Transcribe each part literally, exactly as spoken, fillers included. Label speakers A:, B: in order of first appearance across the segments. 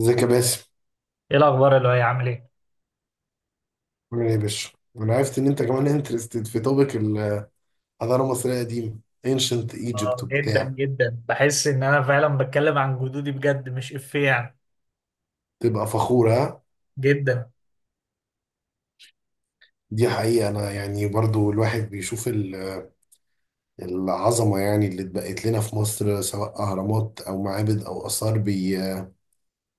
A: ازيك يا باسم؟
B: ايه الاخبار اللي هي عامل ايه؟
A: عامل ايه يا باشا؟ انا عرفت ان انت كمان انترستد في توبيك الحضاره المصريه القديمه، انشنت ايجيبت
B: اه، جدا
A: وبتاع.
B: جدا. بحس ان انا فعلا بتكلم عن جدودي بجد مش افيه يعني.
A: تبقى فخور ها.
B: جدا.
A: دي حقيقه، انا يعني برضو الواحد بيشوف ال- العظمه يعني اللي اتبقت لنا في مصر، سواء اهرامات او معابد او اثار، بي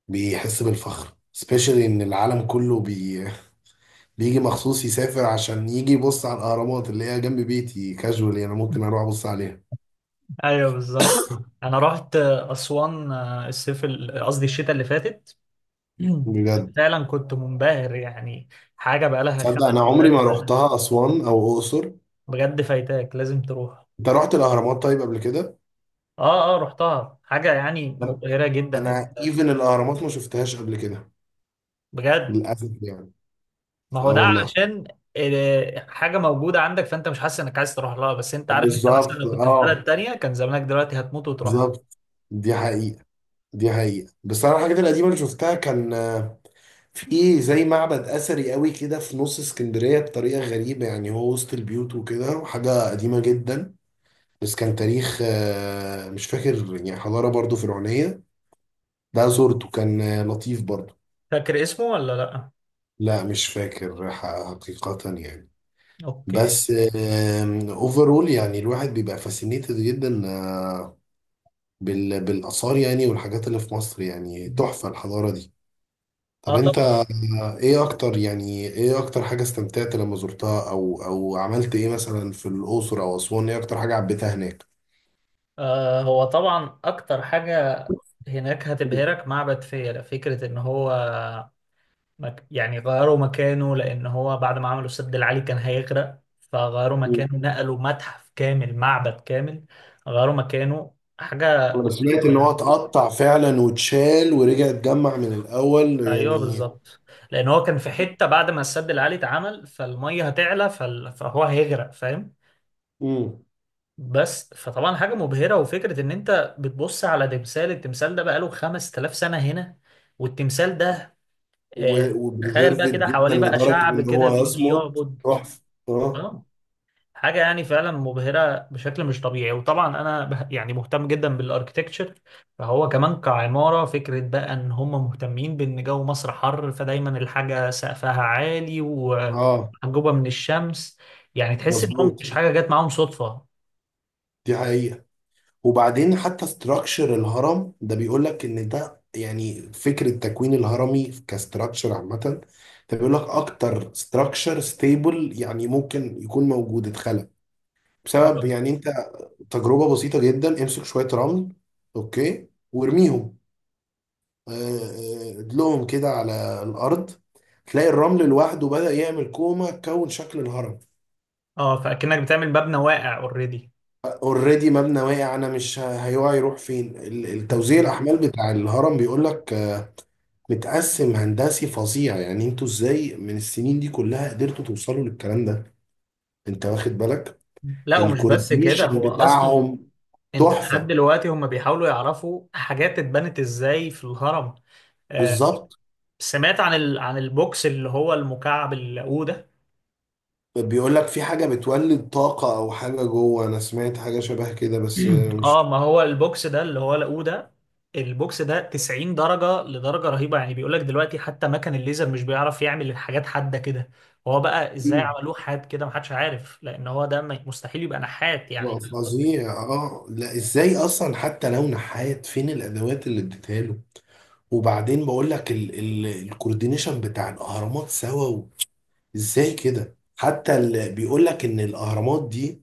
A: بيحس بالفخر. سبيشالي ان العالم كله بي بيجي مخصوص يسافر عشان يجي يبص على الاهرامات اللي هي جنب بيتي، كاجوال يعني ممكن اروح ابص عليها.
B: ايوه بالظبط. انا رحت اسوان آه، الصيف ال- قصدي الشتاء اللي فاتت.
A: بجد،
B: فعلا كنت منبهر يعني. حاجه بقالها
A: تصدق انا عمري
B: خمسة آلاف
A: ما
B: سنه.
A: روحتها اسوان او اقصر.
B: بجد فايتاك لازم تروح.
A: انت رحت الاهرامات طيب قبل كده؟
B: اه اه رحتها، حاجه يعني
A: لم-
B: مبهره جدا.
A: انا
B: انت
A: ايفن الاهرامات ما شفتهاش قبل كده،
B: بجد؟
A: للاسف يعني.
B: ما هو
A: اه
B: ده
A: والله.
B: علشان آه، حاجة موجودة عندك، فأنت مش حاسس إنك عايز تروح لها، بس أنت عارف أنت مثلا
A: بالظبط،
B: لو كنت في بلد
A: اه.
B: تانية كان زمانك دلوقتي هتموت وتروح.
A: بالظبط. دي حقيقه. دي حقيقه. بس انا الحاجات القديمه اللي شفتها كان آه، في زي معبد اثري قوي كده في نص اسكندريه، بطريقه غريبه يعني هو وسط البيوت وكده، وحاجه قديمه جدا. بس كان تاريخ، آه، مش فاكر يعني، حضاره برضو فرعونيه. ده زورته كان آه، لطيف برضو.
B: فاكر اسمه ولا لأ؟
A: لا مش فاكر ح- حقيقه يعني.
B: أوكي.
A: بس اوفرول يعني الواحد بيبقى فاسينيتد جدا، آه، بال- بالاثار يعني والحاجات اللي في مصر. يعني تحفه الحضاره دي. طب
B: آه
A: انت،
B: طبعا.
A: آه، ايه اكتر يعني، ايه اكتر حاجه استمتعت لما زرتها، او او عملت ايه مثلا في الاقصر او اسوان؟ ايه اكتر حاجه عبيتها هناك؟
B: آه هو طبعا أكتر حاجة هناك هتبهرك معبد فيلة. فكرة إن هو مك... يعني غيروا مكانه، لأن هو بعد ما عملوا السد العالي كان هيغرق، فغيروا
A: مم.
B: مكانه، نقلوا متحف كامل، معبد كامل غيروا مكانه. حاجة
A: انا سمعت
B: غريبة
A: ان هو
B: يعني.
A: اتقطع فعلا واتشال ورجع اتجمع من الاول
B: ايوه
A: يعني.
B: بالظبط. لان هو كان في حته بعد ما السد العالي اتعمل، فالميه هتعلى فال... فهو هيغرق، فاهم؟
A: مم.
B: بس فطبعا حاجه مبهره، وفكره ان انت بتبص على تمثال، التمثال ده بقاله خمس تلاف سنه هنا. والتمثال ده آه... تخيل
A: وبريزيرفد
B: بقى كده
A: جدا
B: حواليه بقى
A: لدرجه
B: شعب
A: ان
B: كده
A: هو
B: بيجي
A: يصمد.
B: يعبد.
A: تحفه. اه.
B: اه. حاجة يعني فعلا مبهرة بشكل مش طبيعي. وطبعا أنا به- يعني مهتم جدا بالأركتكتشر، فهو كمان كعمارة، فكرة بقى إن هم مهتمين بإن جو مصر حر، فدايما الحاجة سقفها عالي
A: اه.
B: ومحجوبة من الشمس. يعني تحس إن هم
A: مظبوط.
B: مش حاجة جت معاهم صدفة.
A: دي حقيقة. وبعدين حتى استراكشر الهرم ده بيقول لك ان ده يعني فكرة تكوين الهرمي كاستراكشر عامة، ده بيقول لك اكتر استراكشر ستيبل يعني ممكن يكون موجود، اتخلق بسبب
B: طبعا.
A: يعني انت تجربة بسيطة جدا: امسك شوية رمل، اوكي، وارميهم، آه، آه، ادلهم كده على الارض، تلاقي الرمل لوحده بدأ يعمل كومة، كون شكل الهرم.
B: اه، فأكنك بتعمل مبنى واقع اوريدي.
A: اوريدي مبنى واقع، انا مش ه- هيقع، يروح فين؟ ال- التوزيع
B: اوكي.
A: الاحمال بتاع الهرم بيقول لك متقسم هندسي فظيع. يعني انتوا ازاي من السنين دي كلها قدرتوا توصلوا للكلام ده؟ انت واخد بالك
B: لا ومش بس كده،
A: الكوردينيشن
B: هو أصلا
A: بتاعهم؟
B: أنت لحد
A: تحفة.
B: دلوقتي هم بيحاولوا يعرفوا حاجات اتبنت إزاي في الهرم. آه،
A: بالظبط.
B: سمعت عن ال... عن البوكس اللي هو المكعب اللاقوده.
A: بيقول لك في حاجة بتولد طاقة او حاجة جوه، انا سمعت حاجة شبه كده بس مش.
B: اه، ما هو البوكس ده اللي هو لاقوده، البوكس ده تسعين درجة لدرجة رهيبة. يعني بيقولك دلوقتي حتى مكن الليزر مش بيعرف يعمل الحاجات حادة كده. هو بقى ازاي
A: مم.
B: عملوه حاد كده محدش عارف، لأن هو ده ما- مستحيل يبقى نحات، يعني
A: لا
B: فاهم قصدي؟
A: فظيع، اه. لا ازاي اصلا حتى لو نحات، فين الادوات اللي اديتها له؟ وبعدين بقول لك ال ال الكوردينيشن بتاع الاهرامات سوا، و- ازاي كده حتى؟ اللي بيقول لك ان الاهرامات دي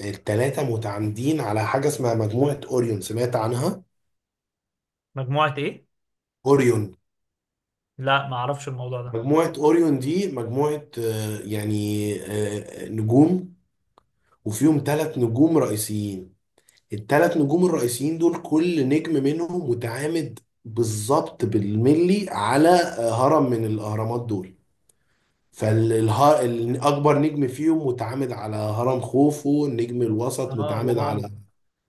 A: التلاتة متعامدين على حاجة اسمها مجموعة أوريون، سمعت عنها؟
B: مجموعة ايه؟
A: أوريون.
B: لا ما اعرفش الموضوع ده.
A: مجموعة أوريون دي مجموعة، آه، يعني آه، آه، نجوم، وفيهم تلات نجوم رئيسيين. التلات نجوم الرئيسيين دول كل نجم منهم متعامد بالظبط بالملي على آه، هرم من الأهرامات دول. فالأكبر نجم فيهم متعامد على هرم خوفو، النجم الوسط
B: اه
A: متعامد
B: واو.
A: على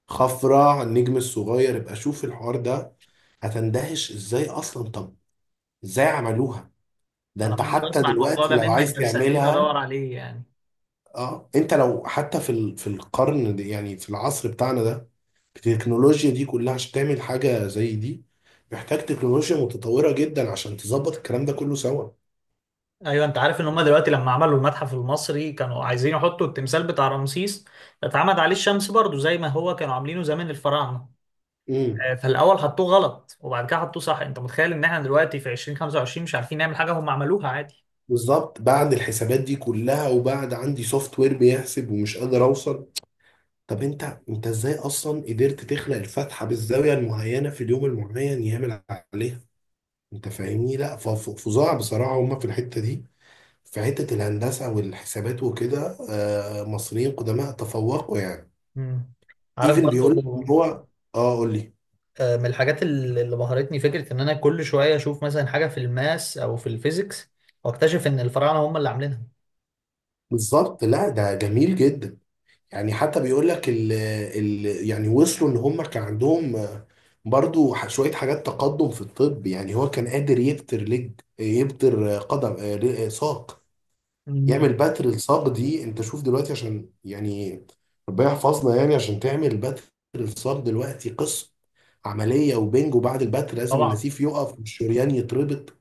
A: خفرع، النجم الصغير. ابقى شوف الحوار ده، هتندهش ازاي اصلا. طب ازاي عملوها؟ ده
B: انا
A: انت
B: اول مرة
A: حتى
B: اسمع الموضوع
A: دلوقتي
B: ده
A: لو
B: منك،
A: عايز
B: بس اكيد
A: تعملها،
B: ادور عليه يعني.
A: اه، انت لو حتى في ال... في القرن ده يعني، في العصر بتاعنا ده، التكنولوجيا دي كلها، عشان تعمل حاجة زي دي محتاج تكنولوجيا متطورة جدا عشان تظبط الكلام ده كله سوا.
B: ايوه، انت عارف ان هم دلوقتي لما عملوا المتحف المصري كانوا عايزين يحطوا التمثال بتاع رمسيس اتعمد عليه الشمس برضو زي ما هو كانوا عاملينه زمان الفراعنه.
A: امم.
B: آه، فالاول حطوه غلط وبعد كده حطوه صح. انت متخيل ان احنا دلوقتي في ألفين وخمسة وعشرين مش عارفين نعمل حاجه هم عملوها عادي؟
A: بالظبط، بعد الحسابات دي كلها، وبعد عندي سوفت وير بيحسب ومش قادر اوصل. طب انت، انت ازاي اصلا قدرت تخلق الفتحه بالزاويه المعينه في اليوم المعين يعمل عليها؟ انت فاهمني؟ لا ف- ف- فظاع بصراحه. هما في الحته دي، في حته الهندسه والحسابات وكده، آه، مصريين قدماء تفوقوا يعني.
B: مم. عارف
A: ايفن بيقول لك ان
B: برضو.
A: هو، اه قول لي.
B: آه، من الحاجات اللي اللي بهرتني فكره ان انا كل شويه اشوف مثلا حاجه في الماس او في الفيزيكس، واكتشف ان الفراعنه هم اللي عاملينها.
A: بالظبط، لا ده جميل جدا. يعني حتى بيقول لك ال ال يعني وصلوا ان هم كان عندهم، آه، برضو ح- شوية حاجات تقدم في الطب. يعني هو كان قادر يبتر لج، يبتر، آه، قدم، آه، ل- آه، ساق،
B: مم.
A: يعمل بتر الصاج. دي انت شوف دلوقتي، عشان يعني ربنا يحفظنا، يعني عشان تعمل بتر الصاج دلوقتي، قصة: عملية، وبنج، وبعد البتر لازم
B: طبعا.
A: النسيف يقف والشريان يتربط.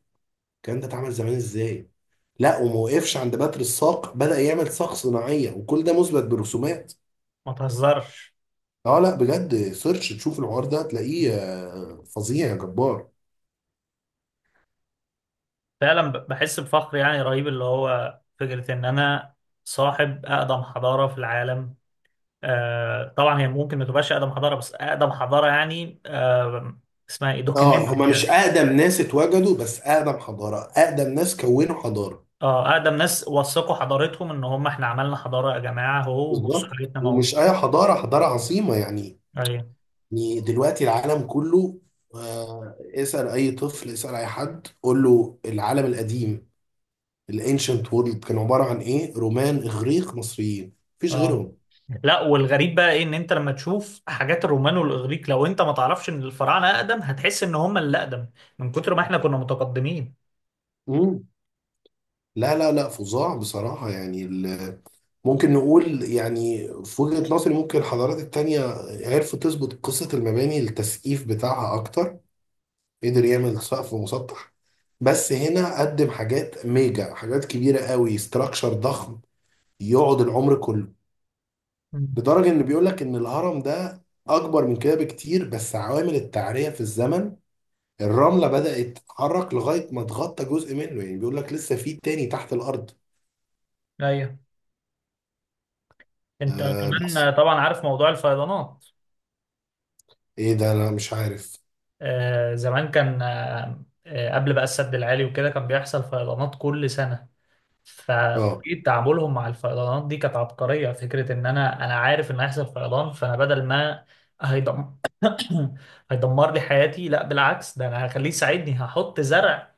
A: الكلام ده اتعمل زمان ازاي؟ لا وما وقفش عند بتر الساق، بدأ يعمل ساق صناعية، وكل ده مثبت برسومات.
B: ما تهزرش.
A: اه لا بجد، سيرش تشوف الحوار ده، هتلاقيه آه، فظيع يا جبار.
B: فعلا ب- بحس بفخر يعني رهيب، اللي هو فكرة إن أنا صاحب أقدم حضارة في العالم. آه طبعا، هي ممكن ما تبقاش أقدم حضارة، بس أقدم حضارة يعني آه، اسمها إيه،
A: اه،
B: دوكيومنتد
A: هما مش
B: يعني.
A: اقدم ناس اتوجدوا، بس اقدم حضارة، اقدم ناس كونوا حضارة.
B: اه، أقدم ناس وثقوا حضارتهم إن هم، إحنا عملنا حضارة يا جماعة أهو، بصوا
A: بالظبط،
B: حاجتنا
A: ومش اي
B: موجودة.
A: حضاره، حضاره عظيمه يعني.
B: أيوه.
A: يعني دلوقتي العالم كله، آه، اسال اي طفل، اسال اي حد، قول له العالم القديم، الانشنت وورلد، كان عباره عن ايه؟ رومان، اغريق، مصريين، مفيش
B: اه،
A: غيرهم.
B: لا والغريب بقى ايه، ان انت لما تشوف حاجات الرومان والاغريق، لو انت ما تعرفش ان الفراعنه اقدم هتحس ان هم اللي اقدم، من كتر ما احنا كنا متقدمين.
A: مم. لا لا لا فظاع بصراحه يعني ال- ممكن نقول يعني في وجهه نظري، ممكن الحضارات التانيه عرفوا تظبط قصه المباني، التسقيف بتاعها اكتر، قدر يعمل سقف مسطح، بس هنا قدم حاجات ميجا، حاجات كبيره قوي، استراكشر ضخم يقعد العمر كله.
B: مم.
A: لدرجه ان بيقول لك ان الهرم ده اكبر من كده بكتير، بس عوامل التعريه في الزمن، الرمله بدات تتحرك لغايه ما تغطى جزء منه. يعني بيقول لك لسه في تاني تحت الارض.
B: ايوه. انت
A: آه بس
B: كمان طبعا عارف موضوع الفيضانات.
A: ايه ده، انا مش عارف.
B: آه، زمان كان آه آه، قبل بقى السد العالي وكده كان بيحصل فيضانات كل سنة.
A: اه،
B: فطريقة تعاملهم مع الفيضانات دي كانت عبقرية. فكرة ان انا، انا عارف ان هيحصل فيضان، فانا بدل ما هيدم... هيدمر لي حياتي، لا بالعكس ده انا هخليه يساعدني، هحط زرع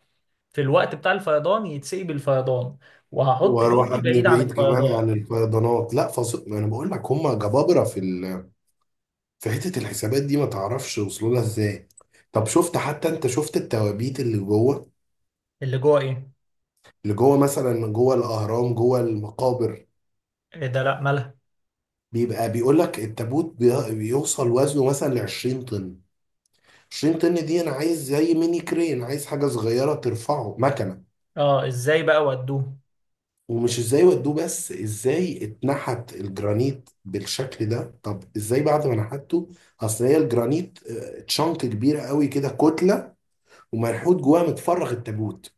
B: في الوقت بتاع الفيضان يتسقي بالفيضان، وهحط
A: واروح
B: بيتي
A: ابني
B: بعيد عن
A: بعيد كمان
B: الفيضان.
A: عن الفيضانات. لا فص... ما انا بقول لك هم جبابره في ال... فحتة الحسابات دي ما تعرفش وصلوا لها ازاي. طب شفت حتى، انت شفت التوابيت اللي جوه؟
B: اللي جوه ايه؟
A: اللي جوه مثلا، جوه الاهرام، جوه المقابر.
B: إيه ده، لا مالها.
A: بيبقى بيقول لك التابوت بي- بيوصل وزنه مثلا ل عشرين طن. عشرين طن دي انا عايز زي ميني كرين، عايز حاجة صغيرة ترفعه، مكنة.
B: اه، ازاي بقى ودوه؟
A: ومش ازاي ودوه بس، ازاي اتنحت الجرانيت بالشكل ده؟ طب ازاي بعد ما نحته؟ اصل هي الجرانيت، آه، تشنك كبيرة قوي كده، كتلة، ومنحوت جواها متفرغ التابوت.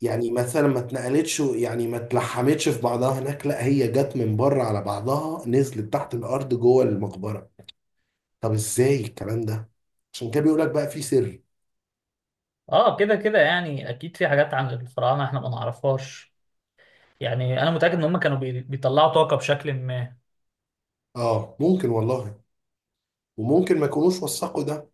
A: يعني مثلا ما اتنقلتش، يعني ما اتلحمتش في بعضها هناك، لا هي جت من بره على بعضها، نزلت تحت الارض جوه المقبره. طب ازاي الكلام ده؟ عشان كده بيقول لك بقى في سر.
B: اه، كده كده يعني اكيد في حاجات عن الفراعنه احنا ما نعرفهاش. يعني انا متاكد ان هم كانوا بي- بيطلعوا طاقه بشكل ما.
A: اه ممكن والله. وممكن ما يكونوش وثقوا ده،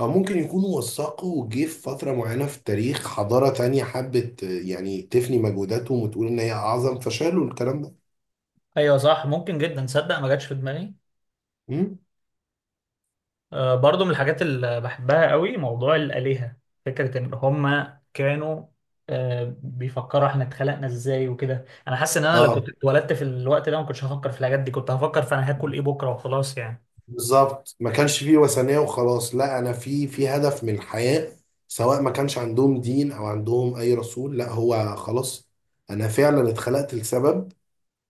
A: او ممكن يكونوا وثقوا، وجه في فتره معينه في التاريخ حضاره تانية حبت آه، يعني تفني مجهوداتهم وتقول ان هي اعظم، فشالوا الكلام ده.
B: ايوه صح، ممكن جدا. تصدق ما جاتش في دماغي.
A: امم.
B: آه، برضو من الحاجات اللي بحبها قوي موضوع الالهه، فكره ان هم كانوا آه، بيفكروا احنا اتخلقنا ازاي وكده. انا حاسس ان انا لو كنت
A: اه،
B: اتولدت في الوقت ده ما كنتش هفكر في الحاجات دي، كنت هفكر في انا هاكل ايه بكره وخلاص يعني.
A: بالظبط، ما كانش فيه وثنية وخلاص، لا، انا في في هدف من الحياة. سواء ما كانش عندهم دين او عندهم اي رسول، لا هو خلاص انا فعلا اتخلقت لسبب.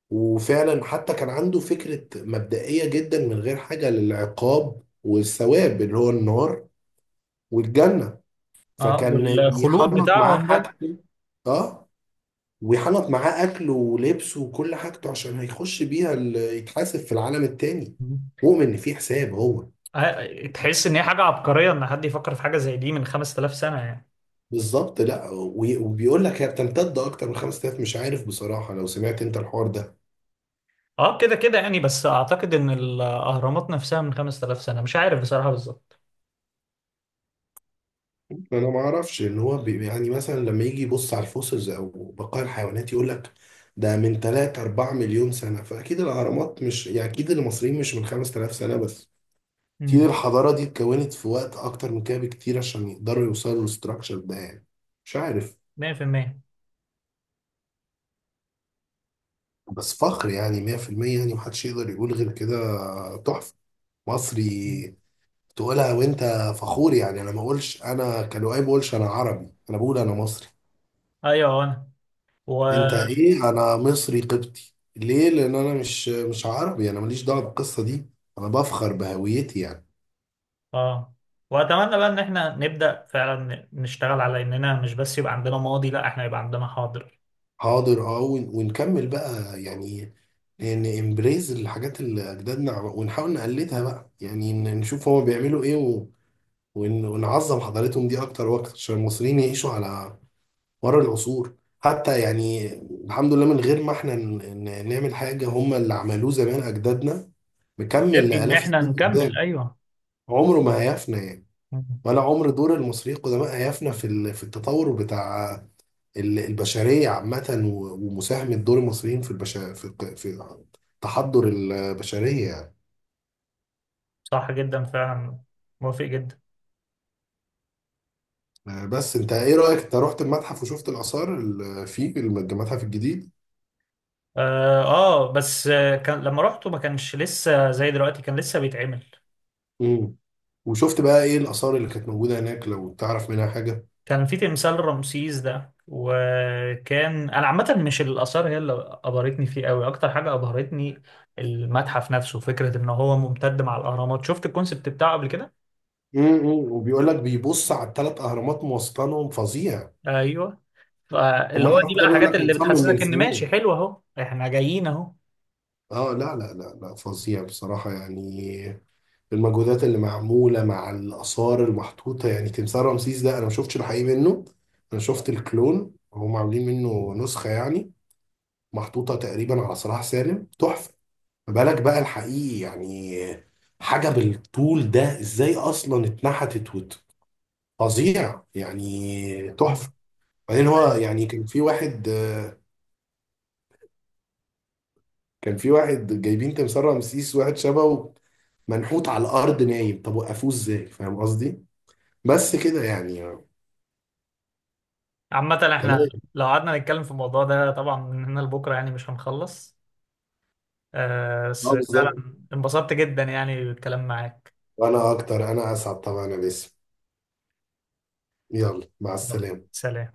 A: وفعلا حتى كان عنده فكرة مبدئية جدا من غير حاجة للعقاب والثواب، اللي هو النار والجنة.
B: اه،
A: فكان
B: والخلود
A: بيحنط معاه
B: بتاعهم ده.
A: حاجته. اه، ويحنط معاه اكله ولبسه وكل حاجته، عشان هيخش بيها ال- يتحاسب في العالم التاني، مؤمن ان في حساب هو.
B: آه، تحس ان هي حاجه عبقريه ان حد يفكر في حاجه زي دي من خمس تلاف سنه يعني.
A: بالظبط. لا وي- وبيقول لك هي بتمتد اكتر من خمس تلاف، مش عارف بصراحه، لو سمعت انت الحوار ده.
B: اه، كده كده يعني، بس اعتقد ان الاهرامات نفسها من خمس تلاف سنه، مش عارف بصراحه بالظبط.
A: انا ما اعرفش، ان هو بي يعني مثلا لما يجي يبص على الفوسلز، او بقايا الحيوانات، يقول لك ده من ثلاثة اربعه مليون سنه. فاكيد الاهرامات مش يعني، اكيد المصريين مش من 5000 سنه بس، اكيد
B: امم.
A: الحضاره دي اتكونت في وقت اكتر من كده بكتير عشان يقدروا يوصلوا للستراكشر ده يعني. مش عارف.
B: مية بالمية.
A: بس فخر يعني، مية في المية يعني، محدش يقدر يقول غير كده. تحفه. مصري تقولها وانت فخور يعني. انا ما اقولش انا كلؤي، ما اقولش انا عربي، انا بقول انا مصري.
B: ايوه انا و
A: انت ايه؟ انا مصري قبطي. ليه؟ لان انا مش مش عربي، انا ماليش دعوه بالقصه دي. انا بفخر بهويتي يعني.
B: اه، واتمنى بقى ان احنا نبدا فعلا نشتغل على اننا مش بس يبقى عندنا ماضي، لا احنا يبقى عندنا حاضر.
A: حاضر اه، ون- ونكمل بقى يعني، ان امبريز الحاجات اللي اجدادنا عم- ونحاول نقلدها بقى يعني، ن- نشوف هما بيعملوا ايه، و... ون- ونعظم حضارتهم دي اكتر واكتر، عشان المصريين يعيشوا على ورا العصور حتى يعني. الحمد لله، من غير ما احنا ن- ن- نعمل حاجة، هم اللي عملوه زمان أجدادنا مكمل
B: يكفي ان
A: لآلاف
B: احنا
A: السنين
B: نكمل،
A: قدام.
B: ايوه.
A: عمره ما هيفنى يعني،
B: مم.
A: ولا عمر دور المصريين القدماء هيفنى في ال- في التطور بتاع ال- البشرية عامة، و- ومساهمة دور المصريين في البشر في الق- في تحضر البشرية يعني.
B: صح جدا فعلا. موافق جدا.
A: آه، بس انت ايه رأيك، انت رحت المتحف وشفت الآثار اللي فيه المتحف الجديد؟
B: اه, آه بس آه، كان لما رحته ما كانش لسه زي دلوقتي، كان لسه بيتعمل.
A: مم. وشفت بقى ايه الآثار اللي كانت موجودة هناك لو تعرف منها حاجة؟
B: كان في تمثال رمسيس ده، وكان انا عامه مش الاثار هي اللي ابهرتني فيه قوي. اكتر حاجه ابهرتني المتحف نفسه، فكره ان هو ممتد مع الاهرامات. شفت الكونسبت بتاعه قبل كده؟
A: امم. وبيقول لك بيبص على الثلاث اهرامات، موصلانهم فظيع.
B: ايوه. فاللي هو دي
A: ومتحف ده
B: بقى
A: بيقول لك
B: حاجات اللي
A: متصمم من
B: بتحسسك ان
A: سنين.
B: ماشي حلو، اهو احنا جايين اهو.
A: اه لا لا لا لا فظيع بصراحه يعني، المجهودات اللي معموله مع الاثار المحطوطه. يعني تمثال رمسيس ده انا ما شفتش الحقيقي منه، انا شفت الكلون، هم عاملين منه نسخه يعني محطوطه تقريبا على صلاح سالم، تحفه. ما بالك بقى الحقيقي يعني، حاجه بالطول ده ازاي اصلا اتنحتت وت- فظيع يعني،
B: مم.
A: تحفه. بعدين هو
B: أيوة.
A: يعني كان في واحد، آه، كان في واحد جايبين تمثال رمسيس، واحد شبهه منحوت على الارض نايم، طب وقفوه ازاي؟ فاهم قصدي؟ بس كده يعني.
B: عامه احنا
A: تمام.
B: لو قعدنا نتكلم في الموضوع ده طبعا من هنا لبكره يعني مش هنخلص. آه، بس
A: اه بالظبط.
B: فعلا انبسطت جدا يعني بالكلام معاك.
A: وانا اكتر، انا اسعد طبعا يا باسم. يلا مع
B: يلا
A: السلامه.
B: سلام.